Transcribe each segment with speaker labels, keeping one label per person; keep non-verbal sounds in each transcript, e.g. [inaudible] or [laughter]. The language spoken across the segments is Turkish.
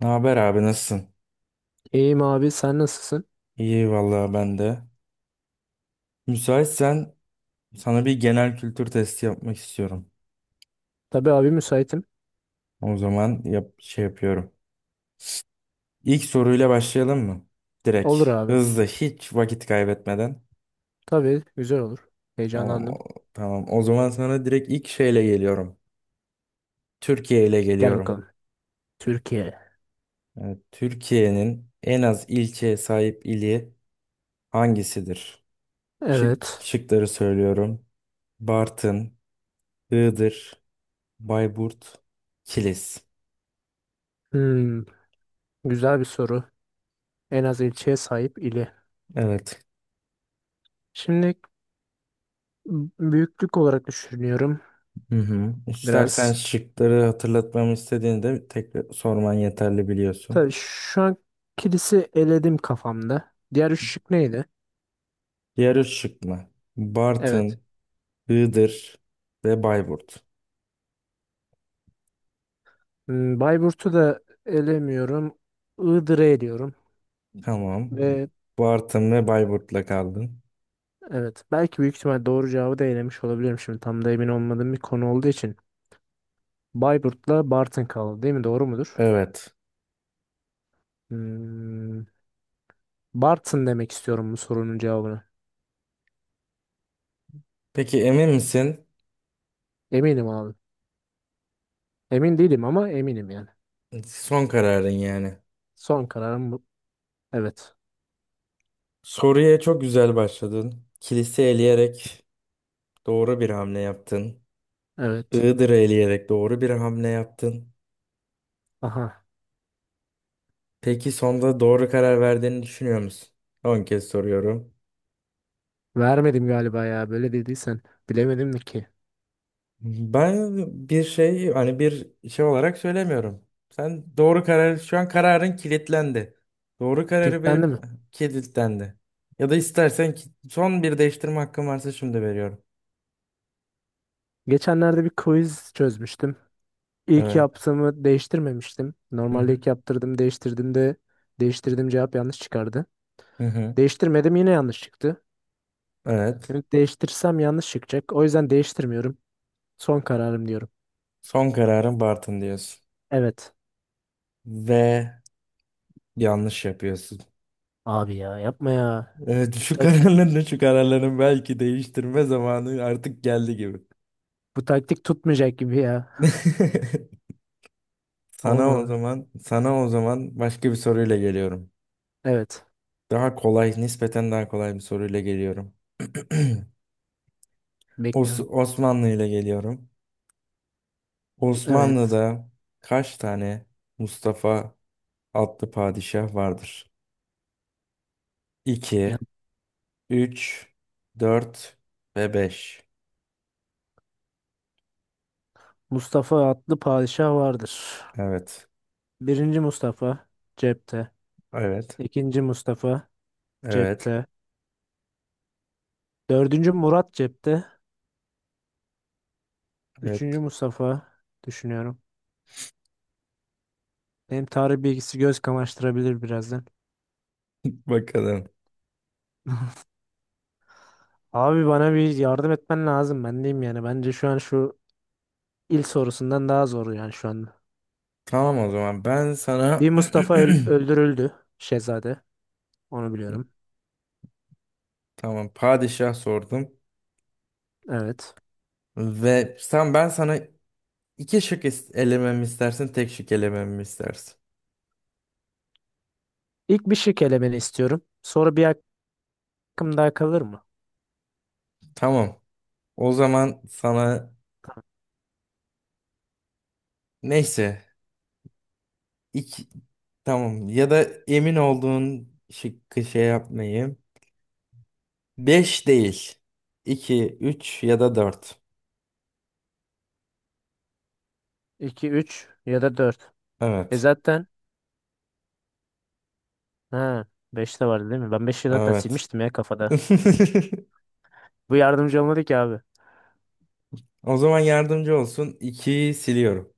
Speaker 1: Ne haber abi nasılsın?
Speaker 2: İyiyim abi sen nasılsın?
Speaker 1: İyi vallahi ben de. Müsaitsen sana bir genel kültür testi yapmak istiyorum.
Speaker 2: Tabii abi müsaitim.
Speaker 1: O zaman yap yapıyorum. İlk soruyla başlayalım mı? Direkt.
Speaker 2: Olur abi.
Speaker 1: Hızlı hiç vakit kaybetmeden.
Speaker 2: Tabii güzel olur.
Speaker 1: Tamam
Speaker 2: Heyecanlandım.
Speaker 1: o, tamam. O zaman sana direkt ilk geliyorum. Türkiye ile
Speaker 2: Gel
Speaker 1: geliyorum.
Speaker 2: bakalım. Türkiye.
Speaker 1: Evet, Türkiye'nin en az ilçeye sahip ili hangisidir?
Speaker 2: Evet.
Speaker 1: Şıkları söylüyorum. Bartın, Iğdır, Bayburt, Kilis.
Speaker 2: Hmm, Güzel bir soru. En az ilçeye sahip ili.
Speaker 1: Evet.
Speaker 2: Şimdi büyüklük olarak düşünüyorum
Speaker 1: Hı hı. İstersen
Speaker 2: biraz.
Speaker 1: şıkları hatırlatmamı istediğinde tekrar sorman yeterli biliyorsun.
Speaker 2: Tabii şu an kilisi eledim kafamda. Diğer üç şık neydi?
Speaker 1: Diğer üç şık mı?
Speaker 2: Evet.
Speaker 1: Bartın, Iğdır ve Bayburt.
Speaker 2: Bayburt'u da elemiyorum. Iğdır'ı eliyorum.
Speaker 1: Tamam.
Speaker 2: Ve
Speaker 1: Bartın ve Bayburt'la kaldın.
Speaker 2: evet, belki büyük ihtimal doğru cevabı da elemiş olabilirim, şimdi tam da emin olmadığım bir konu olduğu için. Bayburt'la Bartın kaldı değil mi? Doğru mudur?
Speaker 1: Evet.
Speaker 2: Hmm, Bartın demek istiyorum bu sorunun cevabını.
Speaker 1: Peki emin misin?
Speaker 2: Eminim abi. Emin değilim ama eminim yani.
Speaker 1: Son kararın yani.
Speaker 2: Son kararım bu. Evet.
Speaker 1: Soruya çok güzel başladın. Kilise eleyerek doğru bir hamle yaptın.
Speaker 2: Evet.
Speaker 1: Iğdır'ı eleyerek doğru bir hamle yaptın.
Speaker 2: Aha.
Speaker 1: Peki sonda doğru karar verdiğini düşünüyor musun? 10 kez soruyorum.
Speaker 2: Vermedim galiba ya. Böyle dediysen. Bilemedim de ki.
Speaker 1: Ben bir şey olarak söylemiyorum. Sen doğru karar Şu an kararın kilitlendi. Doğru kararı
Speaker 2: Kilitlendi
Speaker 1: verip
Speaker 2: mi?
Speaker 1: kilitlendi. Ya da son bir değiştirme hakkın varsa şimdi veriyorum.
Speaker 2: Geçenlerde bir quiz çözmüştüm. İlk
Speaker 1: Evet.
Speaker 2: yaptığımı değiştirmemiştim.
Speaker 1: Hı
Speaker 2: Normalde
Speaker 1: hı.
Speaker 2: ilk yaptırdım, değiştirdim de değiştirdim, cevap yanlış çıkardı.
Speaker 1: Hı hı.
Speaker 2: Değiştirmedim, yine yanlış çıktı.
Speaker 1: Evet.
Speaker 2: Şimdi değiştirsem yanlış çıkacak. O yüzden değiştirmiyorum. Son kararım diyorum.
Speaker 1: Son kararın Bartın diyorsun.
Speaker 2: Evet.
Speaker 1: Ve yanlış yapıyorsun.
Speaker 2: Abi ya yapma ya.
Speaker 1: Evet
Speaker 2: Tak-
Speaker 1: şu kararların belki değiştirme zamanı artık geldi gibi.
Speaker 2: Bu taktik tutmayacak gibi ya.
Speaker 1: [laughs]
Speaker 2: [laughs] Olmadı.
Speaker 1: Sana o zaman başka bir soruyla geliyorum.
Speaker 2: Evet.
Speaker 1: Daha kolay, nispeten daha kolay bir soruyla geliyorum. [clears throat]
Speaker 2: Bekliyorum.
Speaker 1: Osmanlı ile geliyorum.
Speaker 2: Evet.
Speaker 1: Osmanlı'da kaç tane Mustafa adlı padişah vardır?
Speaker 2: Ya,
Speaker 1: 2, 3, 4 ve 5.
Speaker 2: Mustafa adlı padişah vardır.
Speaker 1: Evet,
Speaker 2: Birinci Mustafa cepte.
Speaker 1: evet,
Speaker 2: İkinci Mustafa
Speaker 1: evet,
Speaker 2: cepte. Dördüncü Murat cepte.
Speaker 1: evet.
Speaker 2: Üçüncü Mustafa düşünüyorum. Benim tarih bilgisi göz kamaştırabilir birazdan.
Speaker 1: Bakalım.
Speaker 2: [laughs] Abi bana bir yardım etmen lazım. Ben diyeyim yani. Bence şu an şu il sorusundan daha zor yani şu anda.
Speaker 1: Tamam o zaman ben
Speaker 2: Bir
Speaker 1: sana
Speaker 2: Mustafa
Speaker 1: [clears throat]
Speaker 2: öldürüldü. Şehzade. Onu biliyorum.
Speaker 1: tamam padişah sordum
Speaker 2: Evet.
Speaker 1: ve sen ben sana iki elememi istersin, tek şık elememi istersin.
Speaker 2: İlk bir şık elemeni istiyorum. Sonra bir hakkım daha kalır mı?
Speaker 1: Tamam. O zaman sana neyse İk tamam, ya da emin olduğun şıkkı şey yapmayayım. 5 değil. İki, 3 ya da 4.
Speaker 2: 2, 3 ya da 4.
Speaker 1: Evet.
Speaker 2: Zaten ha, 5 de vardı değil mi? Ben beş'i zaten
Speaker 1: Evet.
Speaker 2: silmiştim ya kafada.
Speaker 1: [laughs]
Speaker 2: Bu yardımcı olmadı ki abi.
Speaker 1: O zaman yardımcı olsun. 2'yi siliyorum.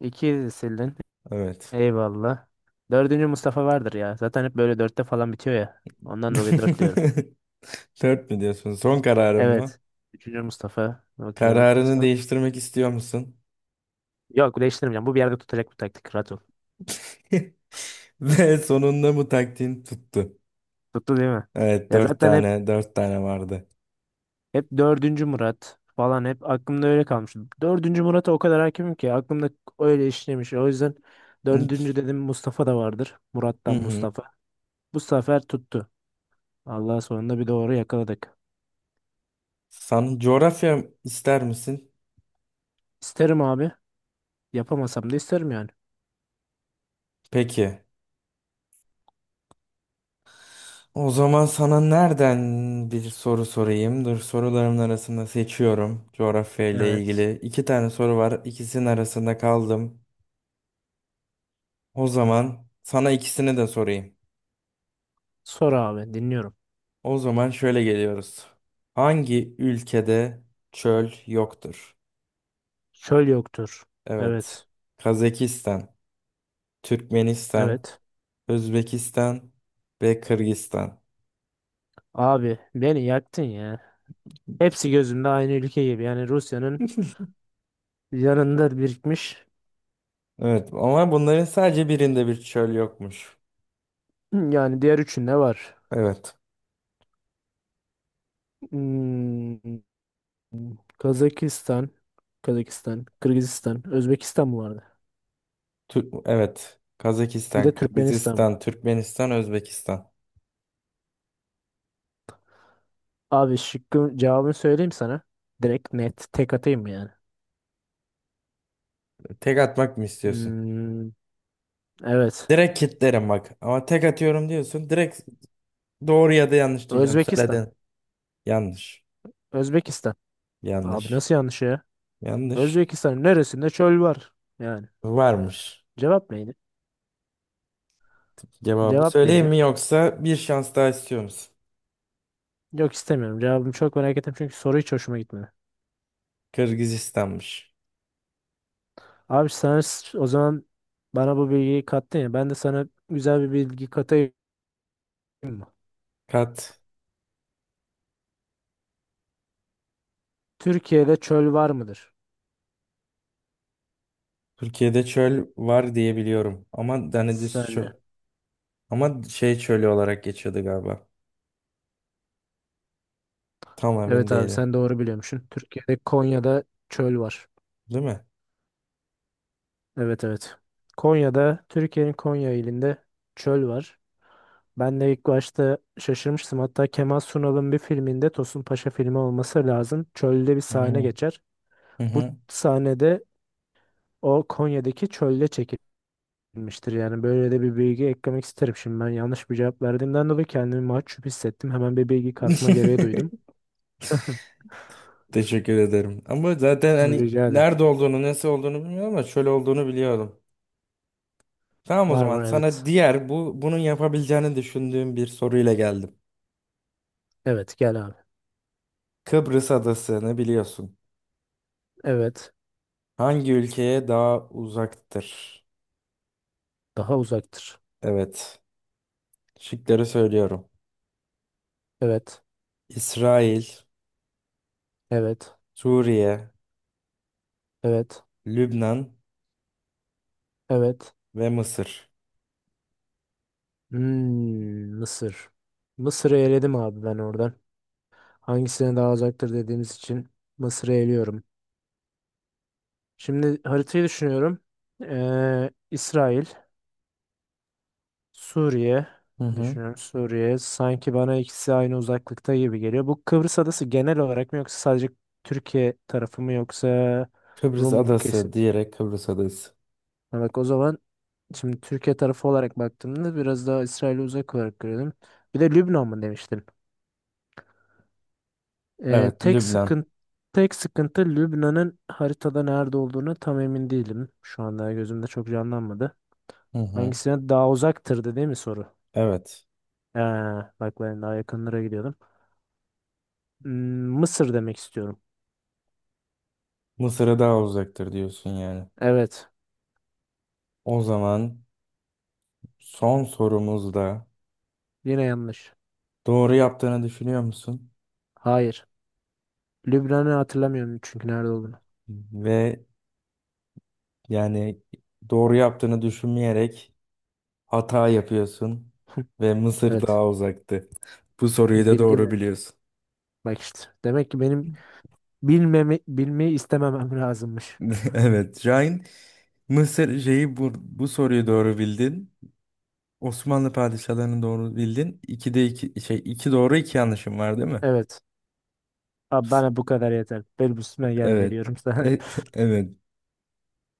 Speaker 2: 2'yi sildin.
Speaker 1: Evet.
Speaker 2: Eyvallah. Dördüncü Mustafa vardır ya. Zaten hep böyle dörtte falan bitiyor ya. Ondan dolayı 4 diyorum.
Speaker 1: [laughs] Dört mü diyorsun? Son kararın mı?
Speaker 2: Evet. Üçüncü Mustafa. Bakıyorum.
Speaker 1: Kararını
Speaker 2: Son...
Speaker 1: değiştirmek istiyor musun?
Speaker 2: Yok değiştirmeyeceğim. Bu bir yerde tutacak bu taktik. Rahat ol.
Speaker 1: [laughs] Ve sonunda bu taktiğin tuttu.
Speaker 2: Tuttu değil mi?
Speaker 1: Evet,
Speaker 2: Ya zaten hep
Speaker 1: 4 tane vardı.
Speaker 2: Hep dördüncü Murat falan hep aklımda öyle kalmış. Dördüncü Murat'a o kadar hakimim ki aklımda öyle işlemiş. O yüzden dördüncü
Speaker 1: [laughs]
Speaker 2: dedim, Mustafa da vardır.
Speaker 1: Hı
Speaker 2: Murat'tan
Speaker 1: hı.
Speaker 2: Mustafa. Bu sefer tuttu. Allah, sonunda bir doğru yakaladık.
Speaker 1: Sen coğrafya ister misin?
Speaker 2: İsterim abi. Yapamasam da isterim yani.
Speaker 1: Peki. O zaman sana nereden bir soru sorayım? Dur sorularımın arasında seçiyorum. Coğrafya ile
Speaker 2: Evet.
Speaker 1: ilgili iki tane soru var. İkisinin arasında kaldım. O zaman sana ikisini de sorayım.
Speaker 2: Sor abi, dinliyorum.
Speaker 1: O zaman şöyle geliyoruz. Hangi ülkede çöl yoktur?
Speaker 2: Çöl yoktur.
Speaker 1: Evet.
Speaker 2: Evet.
Speaker 1: Kazakistan, Türkmenistan,
Speaker 2: Evet.
Speaker 1: Özbekistan ve Kırgızistan.
Speaker 2: Abi beni yaktın ya. Hepsi gözümde aynı ülke gibi. Yani Rusya'nın yanında birikmiş.
Speaker 1: Evet ama bunların sadece birinde bir çöl yokmuş.
Speaker 2: Yani diğer üçünde var.
Speaker 1: Evet.
Speaker 2: Hmm. Kazakistan, Kırgızistan, Özbekistan mı vardı?
Speaker 1: Evet.
Speaker 2: Bir
Speaker 1: Kazakistan,
Speaker 2: de Türkmenistan mı?
Speaker 1: Kırgızistan, Türkmenistan, Özbekistan.
Speaker 2: Abi şıkkın cevabını söyleyeyim sana. Direkt net tek atayım mı yani?
Speaker 1: Tek atmak mı istiyorsun?
Speaker 2: Hmm, evet.
Speaker 1: Direkt kitlerim bak. Ama tek atıyorum diyorsun. Direkt doğru ya da yanlış diyeceğim.
Speaker 2: Özbekistan.
Speaker 1: Söyledin. Yanlış.
Speaker 2: Özbekistan. Abi
Speaker 1: Yanlış.
Speaker 2: nasıl yanlış ya?
Speaker 1: Yanlış.
Speaker 2: Özbekistan'ın neresinde çöl var? Yani
Speaker 1: Varmış.
Speaker 2: cevap neydi?
Speaker 1: Cevabı
Speaker 2: Cevap
Speaker 1: söyleyeyim
Speaker 2: neydi?
Speaker 1: mi yoksa bir şans daha istiyor musun?
Speaker 2: Yok, istemiyorum. Cevabımı çok merak ettim çünkü soru hiç hoşuma gitmedi.
Speaker 1: Kırgızistan'mış.
Speaker 2: Abi sen o zaman bana bu bilgiyi kattın ya. Ben de sana güzel bir bilgi katayım mı?
Speaker 1: Kat.
Speaker 2: Türkiye'de çöl var mıdır?
Speaker 1: Türkiye'de çöl var diye biliyorum. Ama Danediz çöl.
Speaker 2: Saniye.
Speaker 1: Ama şey çölü olarak geçiyordu galiba. Tam emin
Speaker 2: Evet abi,
Speaker 1: değilim.
Speaker 2: sen doğru biliyormuşsun. Türkiye'de Konya'da çöl var.
Speaker 1: Değil mi?
Speaker 2: Evet, evet. Konya'da, Türkiye'nin Konya ilinde çöl var. Ben de ilk başta şaşırmıştım. Hatta Kemal Sunal'ın bir filminde, Tosun Paşa filmi olması lazım, çölde bir
Speaker 1: Hı
Speaker 2: sahne
Speaker 1: hı.
Speaker 2: geçer.
Speaker 1: Hı
Speaker 2: Bu
Speaker 1: hı.
Speaker 2: sahnede o Konya'daki çölde çekilmiştir. Yani böyle de bir bilgi eklemek isterim. Şimdi ben yanlış bir cevap verdiğimden dolayı kendimi mahcup hissettim. Hemen bir bilgi katma gereği duydum.
Speaker 1: [laughs]
Speaker 2: [laughs]
Speaker 1: Teşekkür ederim. Ama zaten hani
Speaker 2: Rica ederim.
Speaker 1: nerede olduğunu, nasıl olduğunu bilmiyorum ama şöyle olduğunu biliyordum. Tamam o
Speaker 2: Var
Speaker 1: zaman
Speaker 2: var,
Speaker 1: sana
Speaker 2: evet.
Speaker 1: diğer bu bunun yapabileceğini düşündüğüm bir soruyla geldim.
Speaker 2: Evet, gel abi.
Speaker 1: Kıbrıs adasını biliyorsun.
Speaker 2: Evet.
Speaker 1: Hangi ülkeye daha uzaktır?
Speaker 2: Daha uzaktır.
Speaker 1: Evet. Şıkları söylüyorum.
Speaker 2: Evet.
Speaker 1: İsrail,
Speaker 2: Evet.
Speaker 1: Suriye,
Speaker 2: Evet.
Speaker 1: Lübnan
Speaker 2: Evet.
Speaker 1: ve Mısır.
Speaker 2: Mısır. Mısır'ı eledim abi ben oradan. Hangisine daha uzaktır dediğimiz için Mısır'ı eliyorum. Şimdi haritayı düşünüyorum. İsrail, Suriye
Speaker 1: Hı hı.
Speaker 2: düşünüyorum. Suriye sanki, bana ikisi aynı uzaklıkta gibi geliyor. Bu Kıbrıs adası genel olarak mı, yoksa sadece Türkiye tarafı mı, yoksa Rum kesim?
Speaker 1: Kıbrıs adası.
Speaker 2: Ha, bak, o zaman şimdi Türkiye tarafı olarak baktığımda biraz daha İsrail'e uzak olarak görüyorum. Bir de Lübnan mı demiştin? Ee,
Speaker 1: Evet,
Speaker 2: tek
Speaker 1: Lübnan.
Speaker 2: sıkıntı tek sıkıntı Lübnan'ın haritada nerede olduğunu tam emin değilim. Şu anda gözümde çok canlanmadı.
Speaker 1: Hı hı.
Speaker 2: Hangisine daha uzaktırdı değil mi soru?
Speaker 1: Evet.
Speaker 2: Ee, Bak, ben daha yakınlara gidiyordum. Hmm, Mısır demek istiyorum.
Speaker 1: Mısır'a daha uzaktır diyorsun yani.
Speaker 2: Evet.
Speaker 1: O zaman son sorumuzda
Speaker 2: Yine yanlış.
Speaker 1: doğru yaptığını düşünüyor musun?
Speaker 2: Hayır. Lübnan'ı hatırlamıyorum çünkü nerede olduğunu.
Speaker 1: Ve yani doğru yaptığını düşünmeyerek hata yapıyorsun ve Mısır
Speaker 2: Evet.
Speaker 1: daha uzaktı. Bu soruyu da
Speaker 2: Bildin
Speaker 1: doğru
Speaker 2: mi?
Speaker 1: biliyorsun.
Speaker 2: Bak işte. Demek ki benim bilmeyi istememem lazımmış.
Speaker 1: [laughs] Evet, Şahin, bu soruyu doğru bildin. Osmanlı padişahlarını doğru bildin. İkide iki iki doğru iki yanlışım var değil mi?
Speaker 2: Evet. Abi bana bu kadar yeter. Benim üstüme gelme
Speaker 1: Evet.
Speaker 2: diyorum sana.
Speaker 1: E- [laughs] evet.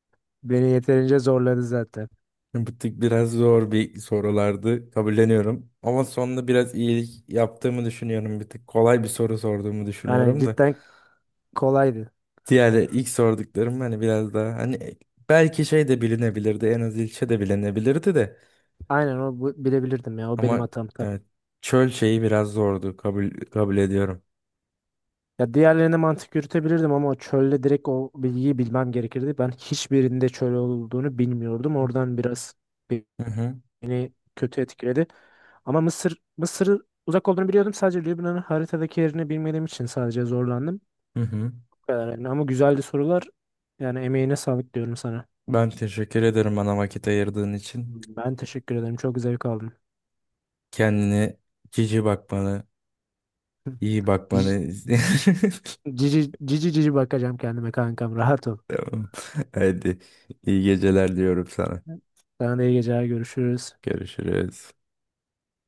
Speaker 2: [laughs] Beni yeterince zorladı zaten.
Speaker 1: Bu tık biraz zor bir sorulardı kabulleniyorum. Ama sonunda biraz iyilik yaptığımı düşünüyorum. Bir tık kolay bir soru sorduğumu
Speaker 2: Aynen,
Speaker 1: düşünüyorum da.
Speaker 2: cidden kolaydı.
Speaker 1: Diğer ilk sorduklarım hani biraz daha hani e, belki şey de bilinebilirdi en az ilçe de bilinebilirdi de.
Speaker 2: Aynen, o bilebilirdim ya. O benim
Speaker 1: Ama
Speaker 2: hatam tabii.
Speaker 1: evet çöl şeyi biraz zordu kabul ediyorum.
Speaker 2: Ya diğerlerine mantık yürütebilirdim ama o çölde direkt o bilgiyi bilmem gerekirdi. Ben hiçbirinde çöl olduğunu bilmiyordum. Oradan biraz
Speaker 1: Hı hı,
Speaker 2: beni kötü etkiledi. Ama Mısır'ı uzak olduğunu biliyordum. Sadece Lübnan'ın haritadaki yerini bilmediğim için sadece zorlandım.
Speaker 1: hı hı.
Speaker 2: Bu kadar yani. Ama güzeldi sorular. Yani emeğine sağlık diyorum sana.
Speaker 1: Ben teşekkür ederim bana vakit ayırdığın için.
Speaker 2: Ben teşekkür ederim. Çok zevk aldım.
Speaker 1: Kendine cici bakmanı, iyi
Speaker 2: Cici
Speaker 1: bakmanı. [laughs]
Speaker 2: cici, cici cici bakacağım kendime kankam. Rahat ol.
Speaker 1: Tamam. [laughs] Hadi iyi geceler diyorum sana.
Speaker 2: Sana da iyi geceler. Görüşürüz.
Speaker 1: Görüşürüz.